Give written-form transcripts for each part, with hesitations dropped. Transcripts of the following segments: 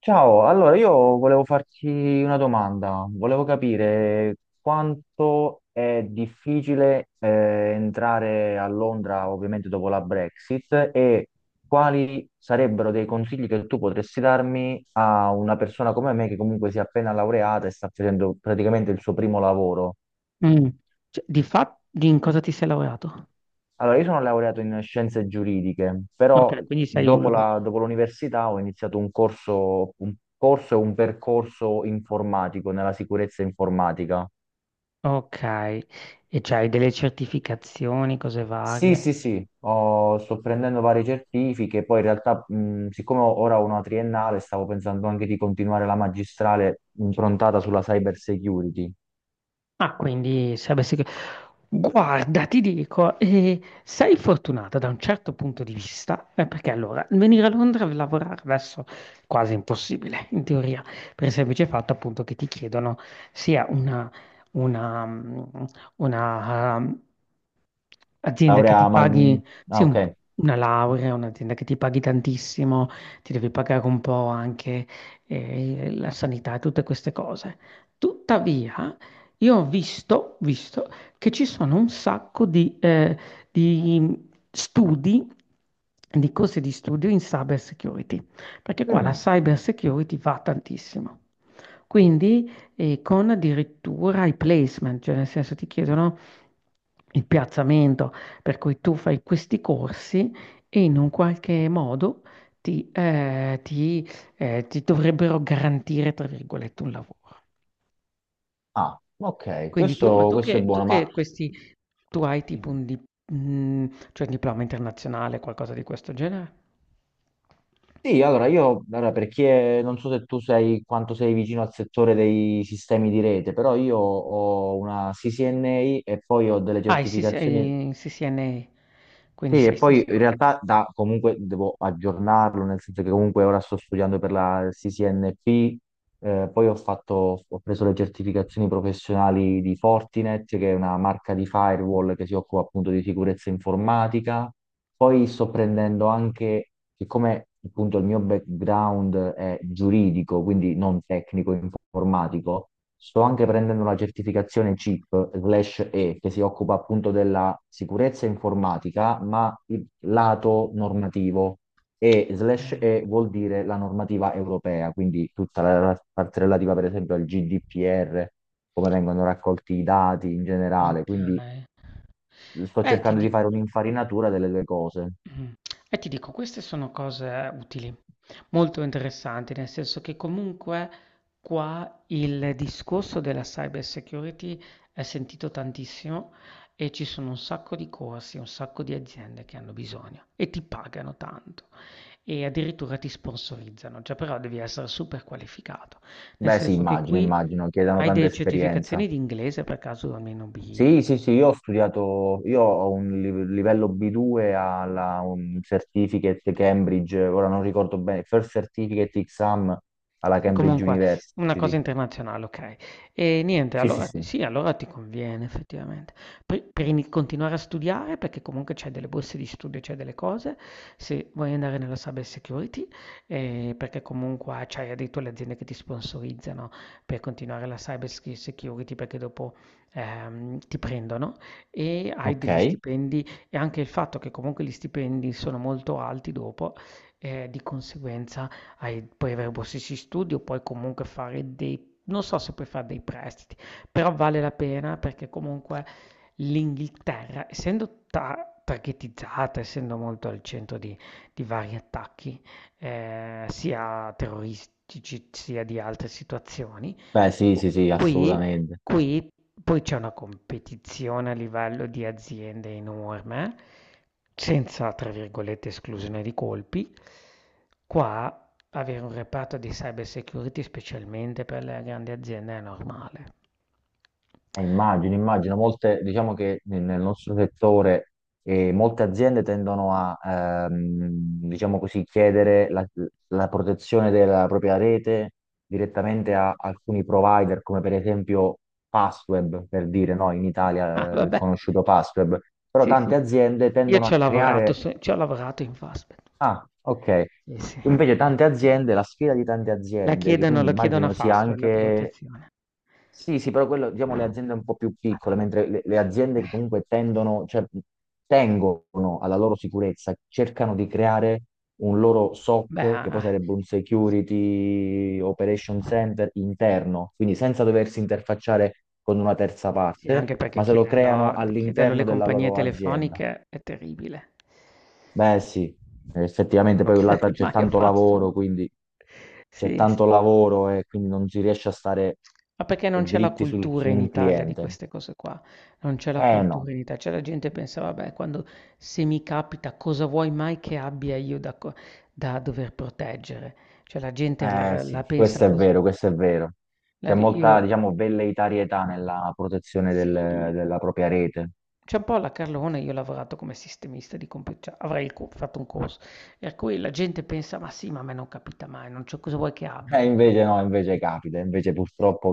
Ciao, allora io volevo farti una domanda, volevo capire quanto è difficile entrare a Londra ovviamente dopo la Brexit e quali sarebbero dei consigli che tu potresti darmi a una persona come me che comunque si è appena laureata e sta facendo praticamente il suo primo lavoro. Mm. Cioè, di fatto, di in cosa ti sei laureato? Allora, io sono laureato in scienze giuridiche, però Ok, quindi sei un... lo- dopo l'università ho iniziato un corso e un percorso informatico nella sicurezza informatica. Ok, e c'hai delle certificazioni, cose Sì, varie. sì, sì, sto prendendo varie certifiche, poi in realtà, siccome ora ho una triennale, stavo pensando anche di continuare la magistrale improntata sulla cyber security. Ah, quindi se avessi... che- Guarda, ti dico, sei fortunata da un certo punto di vista, perché allora venire a Londra a lavorare adesso è quasi impossibile, in teoria, per il semplice fatto appunto che ti chiedono sia una, una, mm, una, mm, azienda che ti Laurea, ma... paghi, sì, Ah, ok. un- una laurea, un'azienda che ti paghi tantissimo, ti devi pagare un po' anche la sanità e tutte queste cose. Tuttavia, io ho visto che ci sono un sacco di studi, di corsi di studio in cyber security, perché qua la Mm, cyber security va tantissimo. Quindi, con addirittura i placement, cioè nel senso ti chiedono il piazzamento, per cui tu fai questi corsi e in un qualche modo ti, eh, ti, ti dovrebbero garantire, tra virgolette, un lavoro. ah, ok, Quindi tu ma questo, questo è tu buono, che questi tu hai ma... tipo un di mhmm, cioè un diploma internazionale, qualcosa di questo genere? Sì, allora io, allora, perché non so se tu sei quanto sei vicino al settore dei sistemi di rete, però io ho una CCNA e poi ho delle Ah, certificazioni. il CCNA, quindi Sì, e sei poi in Cisco. realtà comunque devo aggiornarlo, nel senso che comunque ora sto studiando per la CCNP , poi ho preso le certificazioni professionali di Fortinet, che è una marca di firewall che si occupa appunto di sicurezza informatica. Poi sto prendendo anche, siccome appunto il mio background è giuridico, quindi non tecnico informatico, sto anche prendendo la certificazione CIP/E, che si occupa appunto della sicurezza informatica, ma il lato normativo e slash Okay, E vuol dire la normativa europea, quindi tutta la parte relativa per esempio al GDPR, come vengono raccolti i dati in generale, quindi okay. sto Eh, ti cercando di di fare un'infarinatura delle due cose. mh, ti dico, queste sono cose utili, molto interessanti, nel senso che comunque qua il discorso della cyber security è sentito tantissimo e ci sono un sacco di corsi, un sacco di aziende che hanno bisogno e ti pagano tanto e addirittura ti sponsorizzano, già però devi essere super qualificato, nel Beh sì, senso che immagino, qui immagino, chiedano hai tanta delle esperienza. certificazioni di inglese per caso almeno B? Sì, sì, sì, io ho studiato, io ho un livello B2 alla un certificate Cambridge, ora non ricordo bene, First Certificate Exam alla Cambridge Comunque, una cosa University. internazionale, okay. E niente, Sì, sì, allora sì. sì, allora ti conviene effettivamente. Poi per ini continuare a studiare, perché comunque c'hai delle borse di studio, c'hai delle cose, se vuoi andare nella cyber security, perché comunque c'hai addirittura le aziende che ti sponsorizzano per continuare la cyber schi security, perché dopo, ti prendono e hai degli Ok. stipendi e anche il fatto che comunque gli stipendi sono molto alti dopo, di conseguenza hai puoi avere borsisti di studio, puoi comunque fare dei, non so se puoi fare dei prestiti, però vale la pena perché comunque l'Inghilterra, essendo targetizzata, essendo molto al centro di vari attacchi, sia terroristici sia di altre situazioni, Beh, sì, qu- sì, sì, qui, assolutamente. qui poi c'è una competizione a livello di aziende enorme, senza, tra virgolette, esclusione di colpi. Qua avere un reparto di cyber security specialmente per le grandi aziende è normale. Immagino, immagino, molte, diciamo che nel nostro settore, molte aziende tendono a, ehm, diciamo così, chiedere la protezione della propria rete direttamente a alcuni provider, come per esempio Fastweb, per dire, no, in Ah, Italia, è vabbè. conosciuto Fastweb, però Sì, tante sì. aziende Io tendono ci ho a lavorato, creare... se ci ho lavorato in Fastback. Ah, ok. Sì, sì. Invece La tante aziende, la sfida di tante aziende, che quindi lo chiedono a immagino sia Fastweb la anche. protezione. Sì, sì, però quello, diciamo, le aziende un po' più piccole, Madonna. mentre le aziende che Eh. comunque tendono, cioè, tengono alla loro sicurezza, cercano di creare un loro Beh, SOC, che poi ah, sarebbe un Security Operation Center interno, quindi senza doversi interfacciare con una terza sì, parte, anche perché ma se lo creano chiederlo all'interno alle della compagnie loro azienda. telefoniche è terribile. Beh, sì, Sì, io non effettivamente lo poi là chiederei c'è mai a tanto Fastweb. lavoro, quindi c'è Sì, sì. tanto lavoro e quindi non si riesce a stare Ma perché non c'è la dritti cultura su in un Italia di cliente. queste cose qua, non c'è la Eh no, cultura in Ita, cioè la gente che pensa: "Vabbè, quando se mi capita cosa vuoi mai che abbia io da co da dover proteggere?" Cioè la gente eh sì, la pensa questo è così. vero, questo è vero. La C'è io molta, diciamo, velleitarietà nella protezione Sì, della propria rete. c'è un po' la Carlone, io ho lavorato come sistemista di compu cioè avrei il co fatto un corso, per cui la gente pensa: "Ma sì, ma a me non capita mai, non c'ho cosa vuoi che abbia io?" Invece no, invece capita, invece purtroppo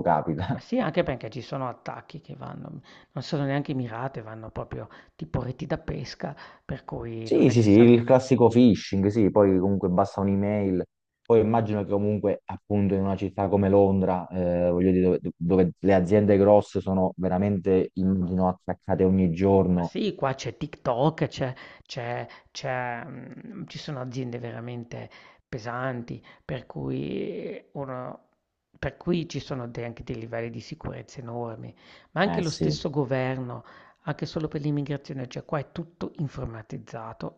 Ma capita. sì, anche perché ci sono attacchi che vanno non sono neanche mirate, vanno proprio tipo reti da pesca, per cui non Sì, è sì, che sì, sanno. il classico phishing, sì, poi comunque basta un'email. Poi immagino che comunque appunto in una città come Londra, voglio dire, dove le aziende grosse sono veramente, immagino, attaccate ogni Ma giorno. sì, qua c'è TikTok, ci sono aziende veramente pesanti, per cui, uno- per cui ci sono de- anche dei livelli di sicurezza enormi, ma anche Eh lo sì. stesso governo, anche solo per l'immigrazione, cioè qua è tutto informatizzato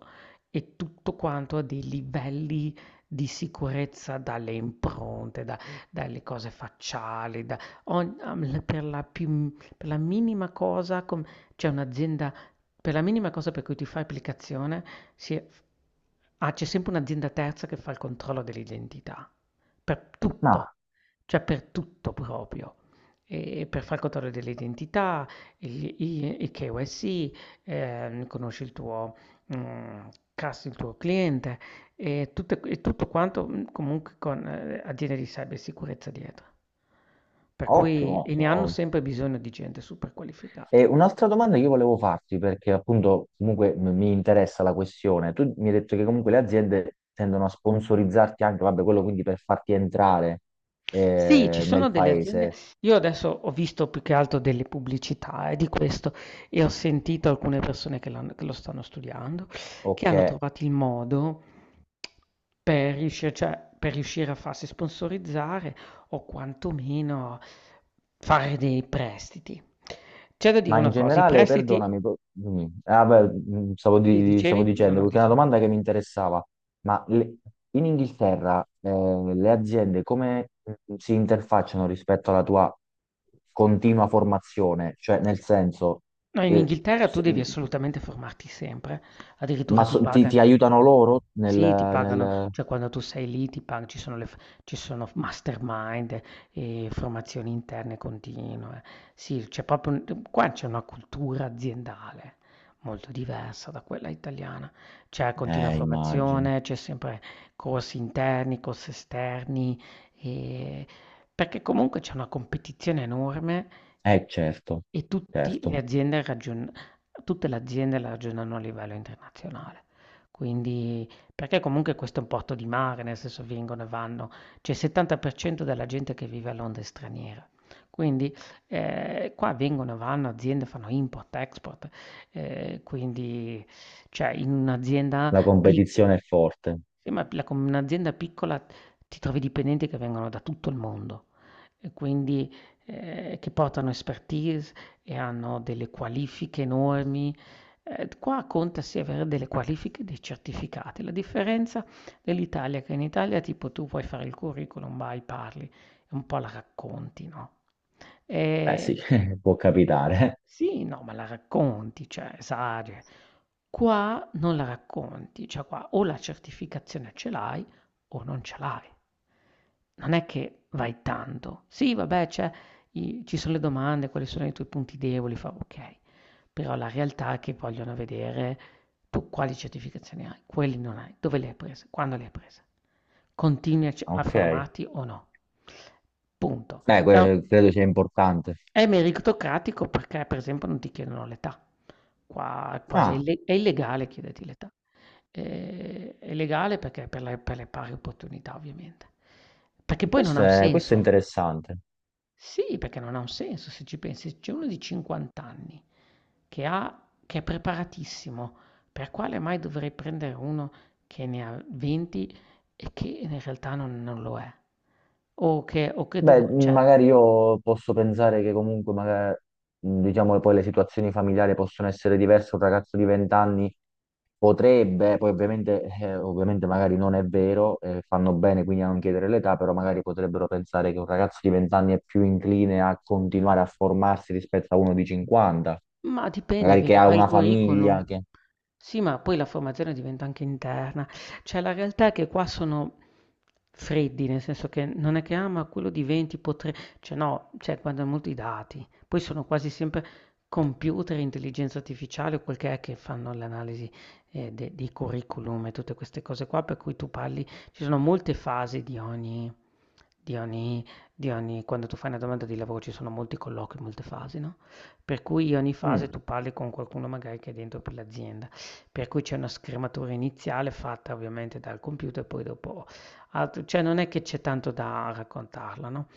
e tutto quanto a dei livelli di sicurezza dalle impronte, da- dalle cose facciali, da ogni- per la più- per la minima cosa c'è un'azienda, per la minima cosa per cui ti fai applicazione, si è- ah, c'è sempre un'azienda terza che fa il controllo dell'identità, per No, tutto, cioè per tutto proprio. E per fare il controllo dell'identità, il KYC, conosci il tuo, mm, il tuo cliente e, e tutto quanto, comunque con aziende di cybersicurezza dietro. Per ottimo, cui e ne hanno ottimo. sempre bisogno di gente super E qualificata. un'altra domanda che io volevo farti, perché appunto comunque mi interessa la questione. Tu mi hai detto che comunque le aziende tendono a sponsorizzarti anche, vabbè, quello quindi per farti entrare Sì, ci eh, sono nel delle aziende, paese. io adesso ho visto più che altro delle pubblicità, di questo e ho sentito alcune persone che l'hanno- che lo stanno studiando, che Ok. hanno trovato il modo per riuscire, cioè, per riuscire a farsi sponsorizzare o quantomeno fare dei prestiti. C'è da dire Ma in una cosa, i generale, prestiti... perdonami, ah, beh, stavo, Sì, di- stavo dicevi? No, dicendo, no, perché è una dicevi. domanda che mi interessava, ma in Inghilterra, le aziende come si interfacciano rispetto alla tua continua formazione? Cioè, nel senso, No, in eh, Inghilterra tu se- devi mm, assolutamente formarti sempre, addirittura ma ti ti, pagano. ti aiutano loro nel, Sì, ti pagano, nel- cioè quando tu sei lì ti pagano, ci sono mastermind e formazioni interne continue. Sì, c'è proprio, un- qua c'è una cultura aziendale molto diversa da quella italiana. C'è continua Immagino. formazione, c'è sempre corsi interni, corsi esterni, e- perché comunque c'è una competizione enorme Certo, e tutti le certo, aziende ragion tutte le aziende la ragionano a livello internazionale. Quindi perché comunque questo è un porto di mare, nel senso vengono e vanno, c'è il 70% della gente che vive a Londra è straniera. Quindi, qua vengono e vanno aziende, fanno import, export, quindi cioè in un'azienda la pic, competizione è forte. sì, ma la con un'azienda piccola ti trovi dipendenti che vengono da tutto il mondo e quindi che portano expertise e hanno delle qualifiche enormi. Qua conta sì avere delle qualifiche, e dei certificati. La differenza dell'Italia è che in Italia tipo tu puoi fare il curriculum, vai, parli, e un po' la racconti, no? Beh E sì, può capitare. sì, no, ma la racconti, cioè esageri. Qua non la racconti, cioè qua o la certificazione ce l'hai o non ce l'hai. Non è che vai tanto. Sì, vabbè, c'è i- ci sono le domande, quali sono i tuoi punti deboli, fa ok. Però la realtà è che vogliono vedere tu quali certificazioni hai, quelli non hai, dove le hai prese, quando le hai prese. Continui a, c- a Ok. formarti o no. Punto. Credo sia importante. È meritocratico perché, per esempio, non ti chiedono l'età. Qua è quasi Ah, ille è illegale chiederti l'età. È legale perché per le pari opportunità, ovviamente. Perché poi non ha questo un è, questo è senso. interessante. Sì, perché non ha un senso se ci pensi. C'è uno di 50 anni che ha che è preparatissimo, per quale mai dovrei prendere uno che ne ha 20 e che in realtà non lo è? O che Beh, devo cioè. magari io posso pensare che comunque, magari, diciamo che poi le situazioni familiari possono essere diverse. Un ragazzo di 20 anni potrebbe, poi ovviamente magari non è vero, fanno bene quindi a non chiedere l'età, però magari potrebbero pensare che un ragazzo di 20 anni è più incline a continuare a formarsi rispetto a uno di 50, Ma dipende, magari che vedi, ha fai il una famiglia, curriculum. che... Sì, ma poi la formazione diventa anche interna. Cioè, la realtà è che qua sono freddi, nel senso che non è che, ah, ma quello di 20 potrebbe... Cioè, no, cioè, guardano molto i dati. Poi sono quasi sempre computer, intelligenza artificiale o quel che è che fanno l'analisi de- dei curriculum e tutte queste cose qua, per cui tu parli... Ci sono molte fasi di ogni... Di ogni, di ogni, quando tu fai una domanda di lavoro ci sono molti colloqui, molte fasi, no? Per cui ogni fase Mm. tu parli con qualcuno magari che è dentro per l'azienda, per cui c'è una scrematura iniziale fatta ovviamente dal computer, poi dopo altro, cioè non è che c'è tanto da raccontarla, no?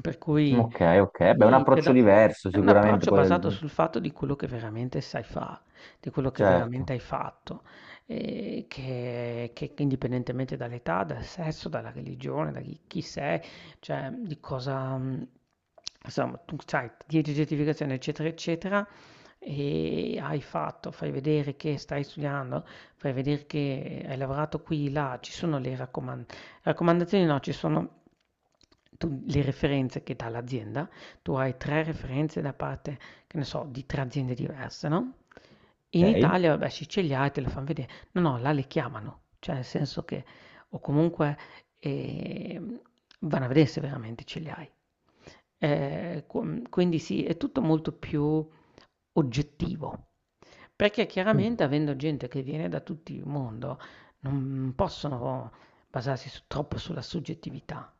Per cui Ok, ok, beh, un sì, c'è approccio da- diverso è un sicuramente approccio poi, basato sul fatto di quello che veramente sai fare, di quello che veramente certo. hai fatto, e che indipendentemente dall'età, dal sesso, dalla religione, da chi, chi sei, cioè, di cosa mhmm, insomma, tu c'hai 10 certificazioni, eccetera, eccetera, e hai fatto, fai vedere che stai studiando, fai vedere che hai lavorato qui, là, ci sono le raccomandazioni, no, ci sono tu le referenze che dà l'azienda. Tu hai 3 referenze da parte, che ne so, di 3 aziende diverse, no, in Ok? Italia vabbè sì ce li hai, te le fan vedere. No, no, là le chiamano, cioè nel senso che o comunque, Ehm, vanno a vedere se veramente ce li hai. Com quindi sì, è tutto molto più oggettivo, perché Mm. chiaramente avendo gente che viene da tutti il mondo, non possono basarsi su troppo sulla soggettività.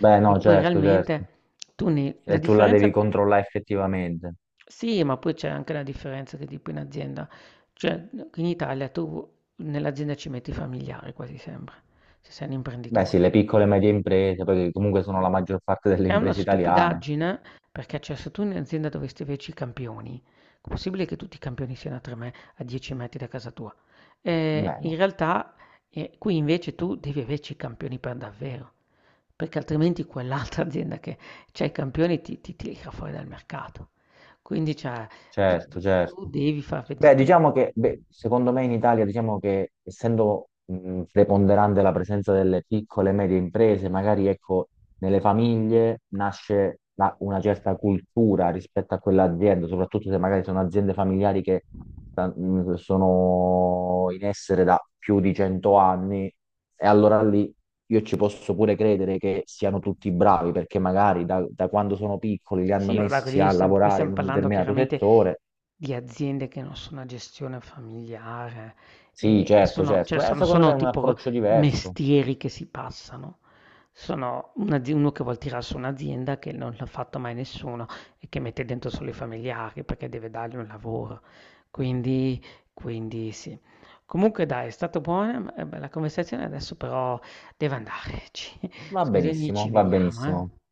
Beh, Perché no, poi certo, certo. realmente tu ne la E tu la devi differenza. controllare effettivamente. Sì, ma poi c'è anche la differenza che tipo in azienda, cioè in Italia tu nell'azienda ci metti i familiari quasi sempre, se sei un Beh, imprenditore. sì, le piccole e medie imprese, perché comunque sono la maggior parte delle Che è una imprese italiane. stupidaggine, perché cioè se tu in azienda dovresti averci i campioni, è possibile che tutti i campioni siano a 10 metri da casa tua? Beh, In no, realtà qui invece tu devi averci i campioni per davvero, perché altrimenti quell'altra azienda che ha i campioni, ti tira fuori dal mercato. Quindi cioè, tu, certo, tu certo. devi far vedere, Beh, tu. diciamo che, beh, secondo me in Italia, diciamo che essendo preponderante la presenza delle piccole e medie imprese, magari ecco, nelle famiglie nasce una certa cultura rispetto a quell'azienda, soprattutto se magari sono aziende familiari che sono in essere da più di 100 anni, e allora lì io ci posso pure credere che siano tutti bravi, perché magari da quando sono piccoli li hanno Sì, vabbè, messi quelli a stiam qui lavorare stiam in un parlando determinato chiaramente settore. di aziende che non sono a gestione familiare Sì, e certo, sono, cioè, certo. Beh, sono secondo me è sono un tipo approccio diverso. mestieri che si passano. Sono un'azi uno che vuol tirar su un'azienda che non l'ha fatto mai nessuno e che mette dentro solo i familiari perché deve dargli un lavoro. Quindi quindi sì. Comunque dai, è stata buona, la conversazione, adesso però devo andarci. Va Scusami, benissimo, ci va vediamo, benissimo. eh.